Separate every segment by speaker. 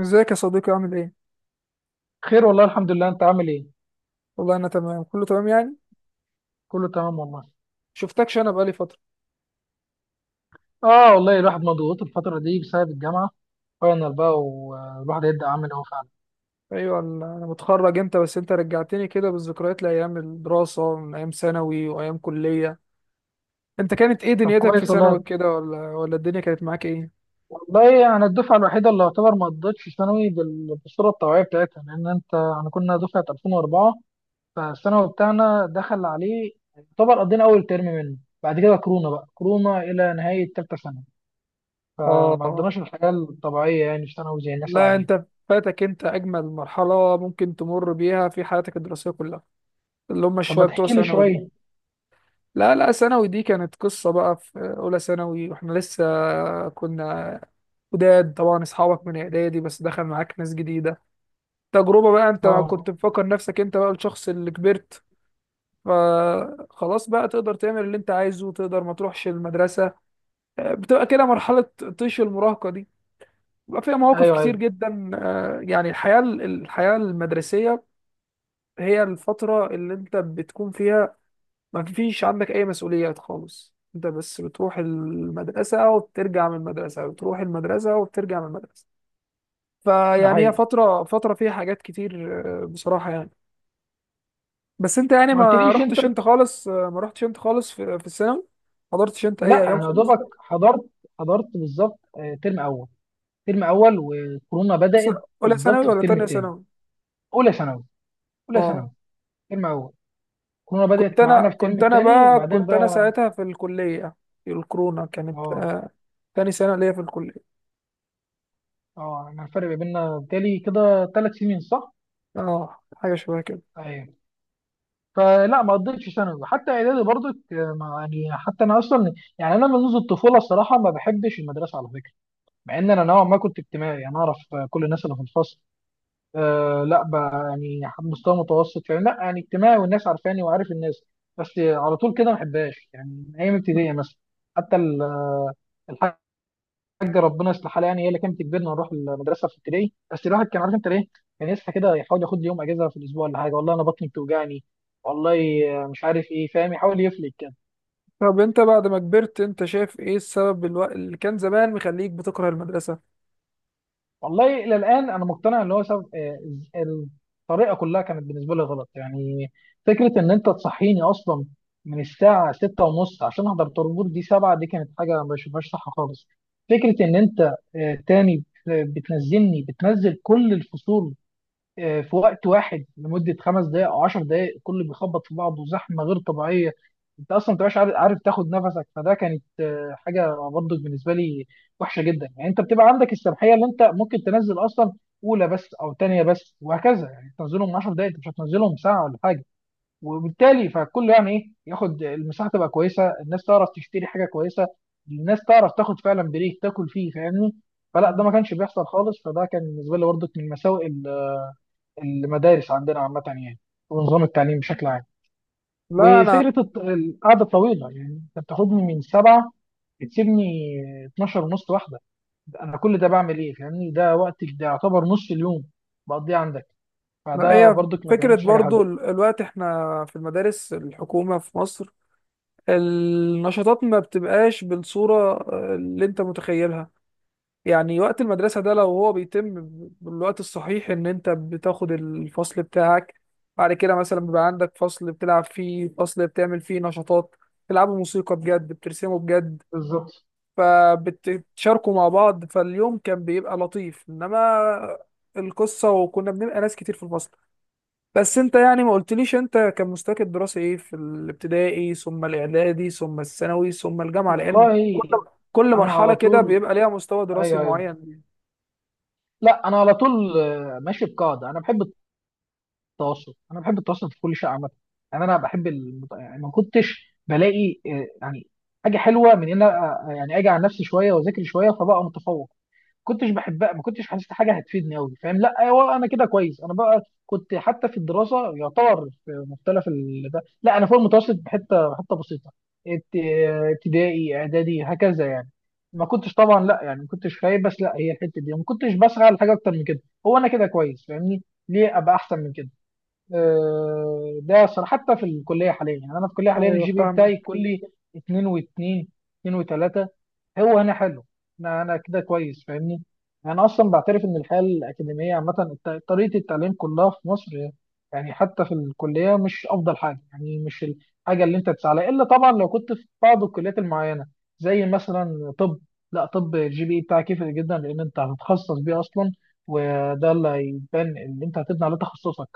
Speaker 1: ازيك يا صديقي، عامل ايه؟
Speaker 2: خير والله الحمد لله. انت عامل ايه؟
Speaker 1: والله انا تمام، كله تمام يعني.
Speaker 2: كله تمام والله.
Speaker 1: شفتكش انا بقالي فترة.
Speaker 2: اه والله الواحد مضغوط الفتره دي بسبب الجامعه، فاينل بقى والواحد هيبدا عامل اهو فعلا.
Speaker 1: ايوه، انا متخرج امتى، بس انت رجعتني كده بالذكريات لايام الدراسة، من ايام ثانوي وايام كلية. انت كانت ايه
Speaker 2: طب
Speaker 1: دنيتك في
Speaker 2: كويس
Speaker 1: ثانوي
Speaker 2: والله.
Speaker 1: كده، ولا الدنيا كانت معاك ايه؟
Speaker 2: والله انا الدفعه الوحيده اللي يعتبر ما قضتش ثانوي بالصوره الطبيعيه بتاعتها، لان انت احنا كنا دفعه 2004، فالثانوي بتاعنا دخل عليه يعتبر قضينا اول ترم منه، بعد كده كورونا بقى، كورونا الى نهايه ثالثه ثانوي، فما
Speaker 1: اه.
Speaker 2: قضيناش الحياه الطبيعيه يعني في ثانوي زي الناس
Speaker 1: لا،
Speaker 2: العاديه.
Speaker 1: انت فاتك، انت اجمل مرحلة ممكن تمر بيها في حياتك الدراسية كلها، اللي هم
Speaker 2: طب ما
Speaker 1: الشوية بتوع
Speaker 2: تحكي لي
Speaker 1: ثانوي دول.
Speaker 2: شويه.
Speaker 1: لا لا، ثانوي دي كانت قصة بقى. في اولى ثانوي واحنا لسه كنا جداد، طبعا اصحابك من اعدادي بس دخل معاك ناس جديدة. تجربة بقى، انت
Speaker 2: اه.
Speaker 1: كنت مفكر نفسك انت بقى الشخص اللي كبرت، فخلاص بقى تقدر تعمل اللي انت عايزه، تقدر ما تروحش المدرسة. بتبقى كده مرحلة طيش المراهقة دي، بيبقى فيها مواقف
Speaker 2: ايوه
Speaker 1: كتير
Speaker 2: ايوه.
Speaker 1: جدا، يعني الحياة المدرسية. هي الفترة اللي انت بتكون فيها ما فيش عندك اي مسؤوليات خالص، انت بس بتروح المدرسة وبترجع من المدرسة، بتروح المدرسة وبترجع من المدرسة.
Speaker 2: ده
Speaker 1: فيعني هي
Speaker 2: حقيقي.
Speaker 1: فترة فيها حاجات كتير، بصراحة يعني. بس انت يعني
Speaker 2: ما
Speaker 1: ما
Speaker 2: قلتليش انت.
Speaker 1: رحتش انت خالص، ما رحتش انت خالص في الثانوي. ما حضرتش انت اي
Speaker 2: لا
Speaker 1: ايام
Speaker 2: انا يا
Speaker 1: خالص؟
Speaker 2: دوبك حضرت، بالظبط، ترم اول، ترم اول وكورونا
Speaker 1: س-
Speaker 2: بدات.
Speaker 1: اولى
Speaker 2: بالظبط
Speaker 1: ثانوي
Speaker 2: في
Speaker 1: ولا
Speaker 2: الترم
Speaker 1: تانية
Speaker 2: الثاني.
Speaker 1: ثانوي؟
Speaker 2: اولى ثانوي، اولى
Speaker 1: اه.
Speaker 2: ثانوي، ترم اول. كورونا
Speaker 1: كنت
Speaker 2: بدات
Speaker 1: انا
Speaker 2: معانا في الترم
Speaker 1: كنت انا
Speaker 2: الثاني
Speaker 1: بقى
Speaker 2: بعدين
Speaker 1: كنت انا
Speaker 2: بقى.
Speaker 1: ساعتها في الكلية، الكورونا كانت،
Speaker 2: اه.
Speaker 1: تاني سنة ليا في الكلية.
Speaker 2: اه انا الفرق ما بيننا بالتالي كده 3 سنين صح؟
Speaker 1: اه، حاجة شبه كده.
Speaker 2: ايوه. فلا ما قضيتش ثانوي حتى اعدادي برضك، يعني حتى انا اصلا، يعني انا منذ الطفوله الصراحه ما بحبش المدرسه على فكره. مع ان انا نوعا ما كنت اجتماعي، انا اعرف كل الناس اللي في الفصل. آه لا بقى يعني مستوى متوسط، يعني لا يعني اجتماعي والناس عارفاني وعارف الناس. بس على طول كده ما بحبهاش يعني من ايام ابتدائي مثلا. حتى الحاجه، ربنا يصلحها، يعني هي اللي كانت تجبرنا نروح المدرسه في ابتدائي. بس الواحد كان عارف انت ليه، كان يصحى كده يحاول ياخد لي يوم اجازه في الاسبوع ولا حاجه، والله انا بطني بتوجعني، والله مش عارف ايه، فاهم، يحاول يفلك.
Speaker 1: طب انت بعد ما كبرت، انت شايف ايه السبب اللي كان زمان مخليك بتكره المدرسة؟
Speaker 2: والله الى الان انا مقتنع ان هو سبب، ال- الطريقه كلها كانت بالنسبه لي غلط يعني. فكره ان انت تصحيني اصلا من الساعه 6 ونص عشان احضر طابور دي 7، دي كانت حاجه ما بشوفهاش صح خالص. فكره ان انت تاني بتنزلني، بتنزل كل الفصول في وقت واحد لمده 5 دقائق او 10 دقائق، كله بيخبط في بعضه زحمه غير طبيعيه، انت اصلا ما بتبقاش عارف، تاخد نفسك. فده كانت حاجه برضه بالنسبه لي وحشه جدا. يعني انت بتبقى عندك السماحيه اللي انت ممكن تنزل اصلا اولى بس او ثانيه بس وهكذا، يعني تنزلهم 10 دقائق انت مش هتنزلهم ساعه ولا حاجه، وبالتالي فكل يعني ايه، ياخد المساحه تبقى كويسه، الناس تعرف تشتري حاجه كويسه، الناس تعرف تاخد فعلا بريك تاكل فيه، فاهمني. فلا ده
Speaker 1: مم.
Speaker 2: ما كانش بيحصل خالص، فده كان بالنسبه لي برضه من مساوئ المدارس عندنا عامة يعني، ونظام التعليم بشكل عام.
Speaker 1: لا انا
Speaker 2: وفكرة القعدة الطويلة، يعني أنت بتاخدني من 7 بتسيبني 12 ونص واحدة، أنا كل ده بعمل إيه فاهمني، ده وقتك ده يعتبر نص اليوم بقضيه عندك،
Speaker 1: لا،
Speaker 2: فده
Speaker 1: هي
Speaker 2: برضك ما
Speaker 1: فكرة
Speaker 2: كانتش حاجة حلوة.
Speaker 1: برضو الوقت. احنا في المدارس الحكومة في مصر، النشاطات ما بتبقاش بالصورة، اللي انت متخيلها. يعني وقت المدرسة ده لو هو بيتم بالوقت الصحيح، ان انت بتاخد الفصل بتاعك، بعد كده مثلا بيبقى عندك فصل بتلعب فيه، فصل بتعمل فيه نشاطات، بتلعبوا موسيقى بجد، بترسموا بجد،
Speaker 2: بالظبط
Speaker 1: فبتشاركوا مع بعض، فاليوم كان بيبقى لطيف. انما القصة وكنا بنبقى ناس كتير في الفصل. بس انت يعني ما قلتليش انت كان مستواك الدراسي ايه في الابتدائي، ثم الاعدادي، ثم الثانوي، ثم الجامعه، لان
Speaker 2: والله.
Speaker 1: كل
Speaker 2: أنا
Speaker 1: مرحله
Speaker 2: على
Speaker 1: كده
Speaker 2: طول.
Speaker 1: بيبقى ليها مستوى دراسي
Speaker 2: أيوه أيوه.
Speaker 1: معين.
Speaker 2: لا أنا على طول ماشي بقاعدة. أنا بحب التواصل، انا بحب التواصل في كل شيء عامه. يعني يعني ما كنتش بلاقي يعني حاجه حلوه من ان أنا، يعني اجي على نفسي شويه واذاكر شويه فبقى متفوق. كنتش بحبها، ما كنتش حاسس حاجه هتفيدني قوي فاهم، لا ايوه انا كده كويس. انا بقى كنت حتى في الدراسه يعتبر ده لا انا فوق المتوسط بحته، حته بسيطه. ابتدائي اعدادي هكذا يعني، ما كنتش طبعا لا يعني ما كنتش خايب، بس لا هي الحته دي ما كنتش بسعى لحاجه اكتر من كده. هو انا كده كويس فاهمني، ليه ابقى احسن من كده؟ ده أصلا حتى في الكلية حاليا، يعني أنا في الكلية حاليا
Speaker 1: ايوه
Speaker 2: الجي بي بتاعي
Speaker 1: فاهمك.
Speaker 2: كلي 2 و2، 2 و3، هو هنا حلو. أنا كده كويس فاهمني. أنا أصلا بعترف إن الحياة الأكاديمية عامة، طريقة التعليم كلها في مصر، يعني حتى في الكلية مش أفضل حاجة، يعني مش الحاجة اللي أنت تسعى لها، إلا طبعا لو كنت في بعض الكليات المعينة زي مثلا طب. لا طب الجي بي إيه بتاعك يفرق جدا لأن أنت هتتخصص بيه أصلا، وده اللي هيبان، اللي أنت هتبني على تخصصك.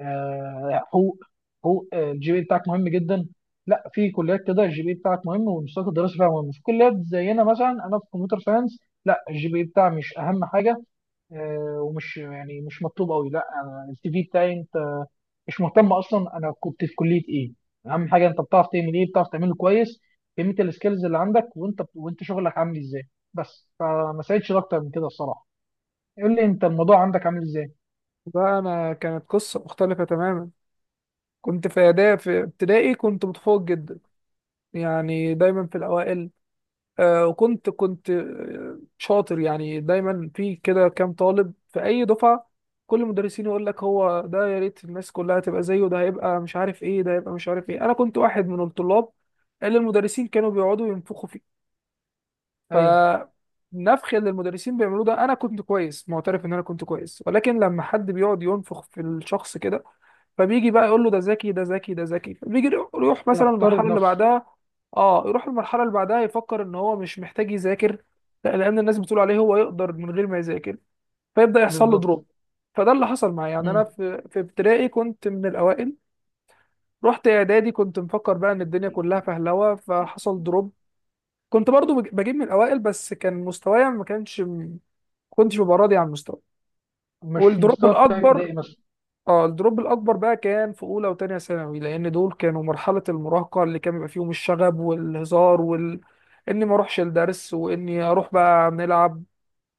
Speaker 2: حقوق، حقوق الجي بي بتاعك مهم جدا. لا في كليات كده الجي بي بتاعك مهم والمستوى الدراسي فيها مهم، في كليات زينا مثلا انا في كمبيوتر ساينس، لا الجي بي بتاعي مش اهم حاجه ومش يعني مش مطلوب قوي. لا أنا السي في بتاعي، انت مش مهتم اصلا انا كنت في كليه ايه، اهم حاجه انت بتعرف تعمل ايه، بتعرف تعمله كويس، قيمه السكيلز اللي عندك، وانت شغلك عامل ازاي. بس فما ساعدش اكتر من كده الصراحه. قول لي انت الموضوع عندك عامل ازاي.
Speaker 1: ده انا كانت قصه مختلفه تماما. كنت في اعدادي، في ابتدائي كنت متفوق جدا، يعني دايما في الاوائل، وكنت كنت شاطر يعني، دايما في كده كام طالب في اي دفعه. كل المدرسين يقول لك هو ده، يا ريت الناس كلها تبقى زيه، ده هيبقى مش عارف ايه، ده هيبقى مش عارف ايه. انا كنت واحد من الطلاب اللي المدرسين كانوا بيقعدوا ينفخوا فيه.
Speaker 2: ايوه.
Speaker 1: فالنفخ اللي المدرسين بيعملوه ده، انا كنت كويس، معترف ان انا كنت كويس، ولكن لما حد بيقعد ينفخ في الشخص كده، فبيجي بقى يقول له ده ذكي، ده ذكي، ده ذكي، فبيجي يروح مثلا
Speaker 2: يختار
Speaker 1: المرحله اللي
Speaker 2: بنفسه.
Speaker 1: بعدها. اه، يروح المرحله اللي بعدها يفكر ان هو مش محتاج يذاكر، لا، لان الناس بتقول عليه هو يقدر من غير ما يذاكر، فيبدا يحصل له
Speaker 2: بالظبط.
Speaker 1: دروب. فده اللي حصل معايا. يعني انا في ابتدائي كنت من الاوائل، رحت اعدادي كنت مفكر بقى ان الدنيا كلها فهلوه، فحصل دروب. كنت برضو بجيب من الاوائل، بس كان مستوايا ما كانش، كنتش ببقى راضي عن مستواي.
Speaker 2: مش
Speaker 1: والدروب
Speaker 2: المستوى بتاع
Speaker 1: الاكبر،
Speaker 2: ابتدائي مثلا.
Speaker 1: اه، الدروب الاكبر بقى كان في اولى وتانية ثانوي، لان دول كانوا مرحله المراهقه اللي كان بيبقى فيهم الشغب والهزار اني ما اروحش الدرس واني اروح بقى نلعب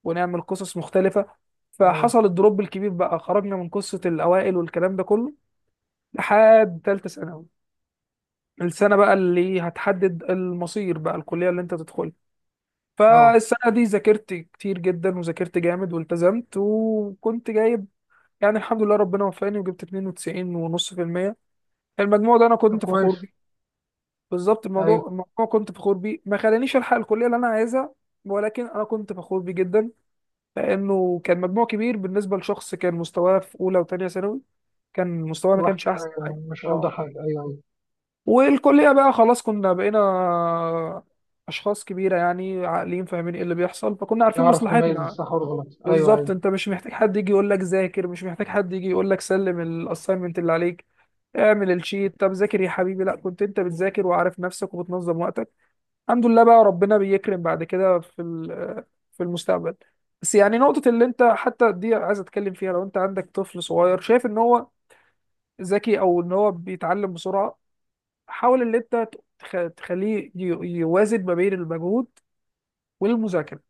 Speaker 1: ونعمل قصص مختلفه.
Speaker 2: اه.
Speaker 1: فحصل الدروب الكبير بقى، خرجنا من قصه الاوائل والكلام ده كله، لحد تالتة ثانوي. السنه بقى اللي هتحدد المصير بقى، الكليه اللي انت تدخلها.
Speaker 2: اه.
Speaker 1: فالسنة دي ذاكرت كتير جدا، وذاكرت جامد، والتزمت، وكنت جايب، يعني الحمد لله ربنا وفقني وجبت 92 ونص في المية. المجموع ده أنا
Speaker 2: طب
Speaker 1: كنت فخور
Speaker 2: كويس.
Speaker 1: بيه. بالظبط،
Speaker 2: ايوه.
Speaker 1: الموضوع كنت فخور بيه. ما خلانيش ألحق الكلية اللي أنا عايزها، ولكن أنا كنت فخور بيه جدا، لأنه كان مجموع كبير بالنسبة لشخص كان مستواه في أولى وتانية ثانوي، كان مستواه ما كانش
Speaker 2: الوحش،
Speaker 1: أحسن حاجة.
Speaker 2: ايوه مش افضل
Speaker 1: أه.
Speaker 2: حاجه، ايوه ايوه.
Speaker 1: والكلية بقى خلاص كنا بقينا أشخاص كبيرة، يعني عاقلين فاهمين إيه اللي بيحصل، فكنا عارفين
Speaker 2: نعرف نميز
Speaker 1: مصلحتنا.
Speaker 2: الصح والغلط، ايوه
Speaker 1: بالظبط،
Speaker 2: ايوه.
Speaker 1: انت مش محتاج حد يجي يقول لك ذاكر، مش محتاج حد يجي يقول لك سلم الاساينمنت اللي عليك، اعمل الشيت، طب ذاكر يا حبيبي. لا، كنت انت بتذاكر وعارف نفسك وبتنظم وقتك. الحمد لله بقى، ربنا بيكرم بعد كده في المستقبل. بس يعني نقطة اللي انت حتى دي عايز اتكلم فيها. لو انت عندك طفل صغير شايف ان هو ذكي او ان هو بيتعلم بسرعة، حاول ان انت تخليه يوازن ما بين المجهود والمذاكرة،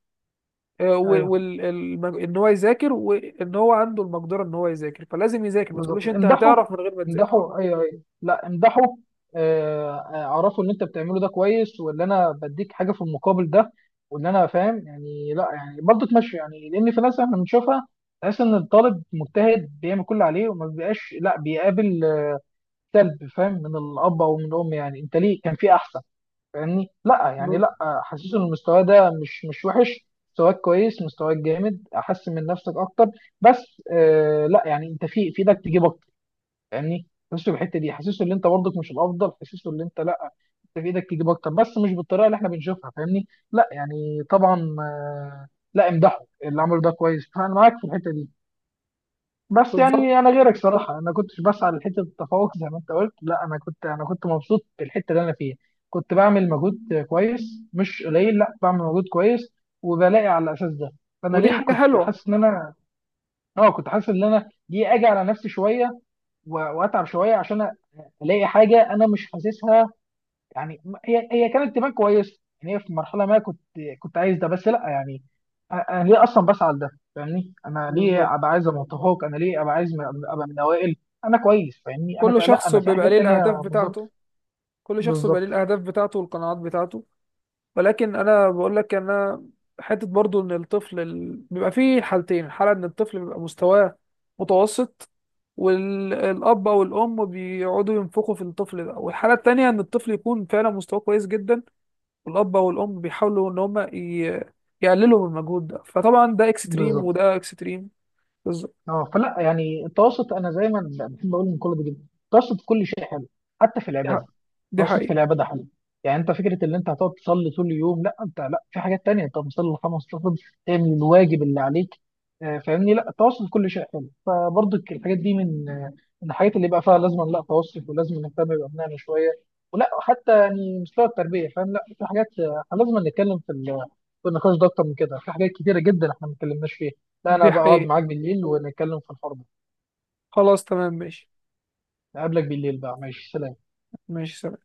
Speaker 2: ايوه
Speaker 1: وان هو يذاكر، وان هو عنده المقدره ان هو يذاكر، فلازم يذاكر. ما
Speaker 2: بالظبط.
Speaker 1: تقولوش انت
Speaker 2: امدحوا،
Speaker 1: هتعرف من غير ما تذاكر.
Speaker 2: امدحوا، ايوه ايوه، لا امدحوا. اعرفوا ان انت بتعمله ده كويس، ولا انا بديك حاجه في المقابل، ده ولا انا فاهم يعني، لا يعني برضه تمشي. يعني لان في ناس احنا بنشوفها، تحس ان الطالب مجتهد بيعمل كل اللي عليه وما بيبقاش لا بيقابل سلب، فاهم، من الاب او من الام، يعني انت ليه كان في احسن، فاهمني لا يعني
Speaker 1: ب-
Speaker 2: لا. حاسس ان المستوى ده مش وحش، مستواك كويس، مستواك جامد، احسن من نفسك اكتر بس، آه لا يعني انت في ايدك تجيب اكتر، فاهمني. حاسسه بالحته دي، حاسسه ان انت برضك مش الافضل، حاسسه ان انت لا، انت في ايدك تجيب اكتر بس مش بالطريقه اللي احنا بنشوفها، فاهمني، لا يعني طبعا آه، لا امدحه اللي عمله ده كويس، فانا معاك في الحته دي. بس
Speaker 1: بالظبط.
Speaker 2: يعني انا غيرك صراحه، انا كنتش بسعى لحته التفوق زي ما انت قلت، لا انا كنت، انا كنت مبسوط بالحته اللي انا فيها. كنت بعمل مجهود كويس، مش قليل، لا بعمل مجهود كويس وبلاقي على الاساس ده. فانا
Speaker 1: ودي
Speaker 2: ليه
Speaker 1: حاجه
Speaker 2: كنت
Speaker 1: حلوه.
Speaker 2: حاسس ان انا، اه كنت حاسس ان انا ليه اجي على نفسي شويه واتعب شويه عشان الاقي حاجه انا مش حاسسها. يعني هي كانت تبان كويسه يعني، هي في مرحله ما كنت، كنت عايز ده، بس لا يعني انا ليه اصلا بسعى لده، فاهمني، انا
Speaker 1: بالظبط،
Speaker 2: ليه ابقى عايز ابقى متفوق، انا ليه ابقى عايز ابقى من الاوائل. انا كويس فاهمني،
Speaker 1: كل
Speaker 2: لا
Speaker 1: شخص
Speaker 2: انا في
Speaker 1: بيبقى
Speaker 2: حاجات
Speaker 1: ليه
Speaker 2: تانية.
Speaker 1: الاهداف
Speaker 2: بالظبط.
Speaker 1: بتاعته. كل شخص بيبقى ليه
Speaker 2: بالظبط.
Speaker 1: الاهداف بتاعته والقناعات بتاعته. ولكن انا بقول لك انا، حته برضو ان الطفل بيبقى فيه حالتين، الحاله ان الطفل بيبقى مستواه متوسط، والاب او الام بيقعدوا ينفخوا في الطفل ده، والحاله التانيه ان الطفل يكون فعلا مستواه كويس جدا، الاب والام بيحاولوا ان هم يقللوا من المجهود ده. فطبعا ده اكستريم،
Speaker 2: بالظبط.
Speaker 1: وده اكستريم. بالظبط.
Speaker 2: اه فلا يعني التوسط، انا زي ما بحب اقول من كل ده جدا، التوسط في كل شيء حلو، حتى في
Speaker 1: دي حق-
Speaker 2: العباده.
Speaker 1: دي
Speaker 2: التوسط في
Speaker 1: حقيقة.
Speaker 2: العباده حلو، يعني انت فكره ان انت هتقعد تصلي طول اليوم، لا انت لا في حاجات تانية، انت بتصلي الخمس ركعات، تعمل الواجب اللي عليك، فاهمني. لا التوسط في كل شيء حلو، فبرضك الحاجات دي من الحاجات اللي يبقى فيها لازم لا توسط، ولازم نهتم بابنائنا شويه، ولا حتى يعني مستوى التربيه، فاهم. لا في حاجات لازم نتكلم في النقاش ده اكتر من كده، في حاجات كتيره جدا احنا ما اتكلمناش فيها. لا انا
Speaker 1: دي
Speaker 2: بقعد
Speaker 1: حقيقة.
Speaker 2: معاك بالليل ونتكلم في الحوار ده.
Speaker 1: خلاص تمام ماشي.
Speaker 2: اقابلك بالليل بقى، ماشي سلام.
Speaker 1: ماشي سلام.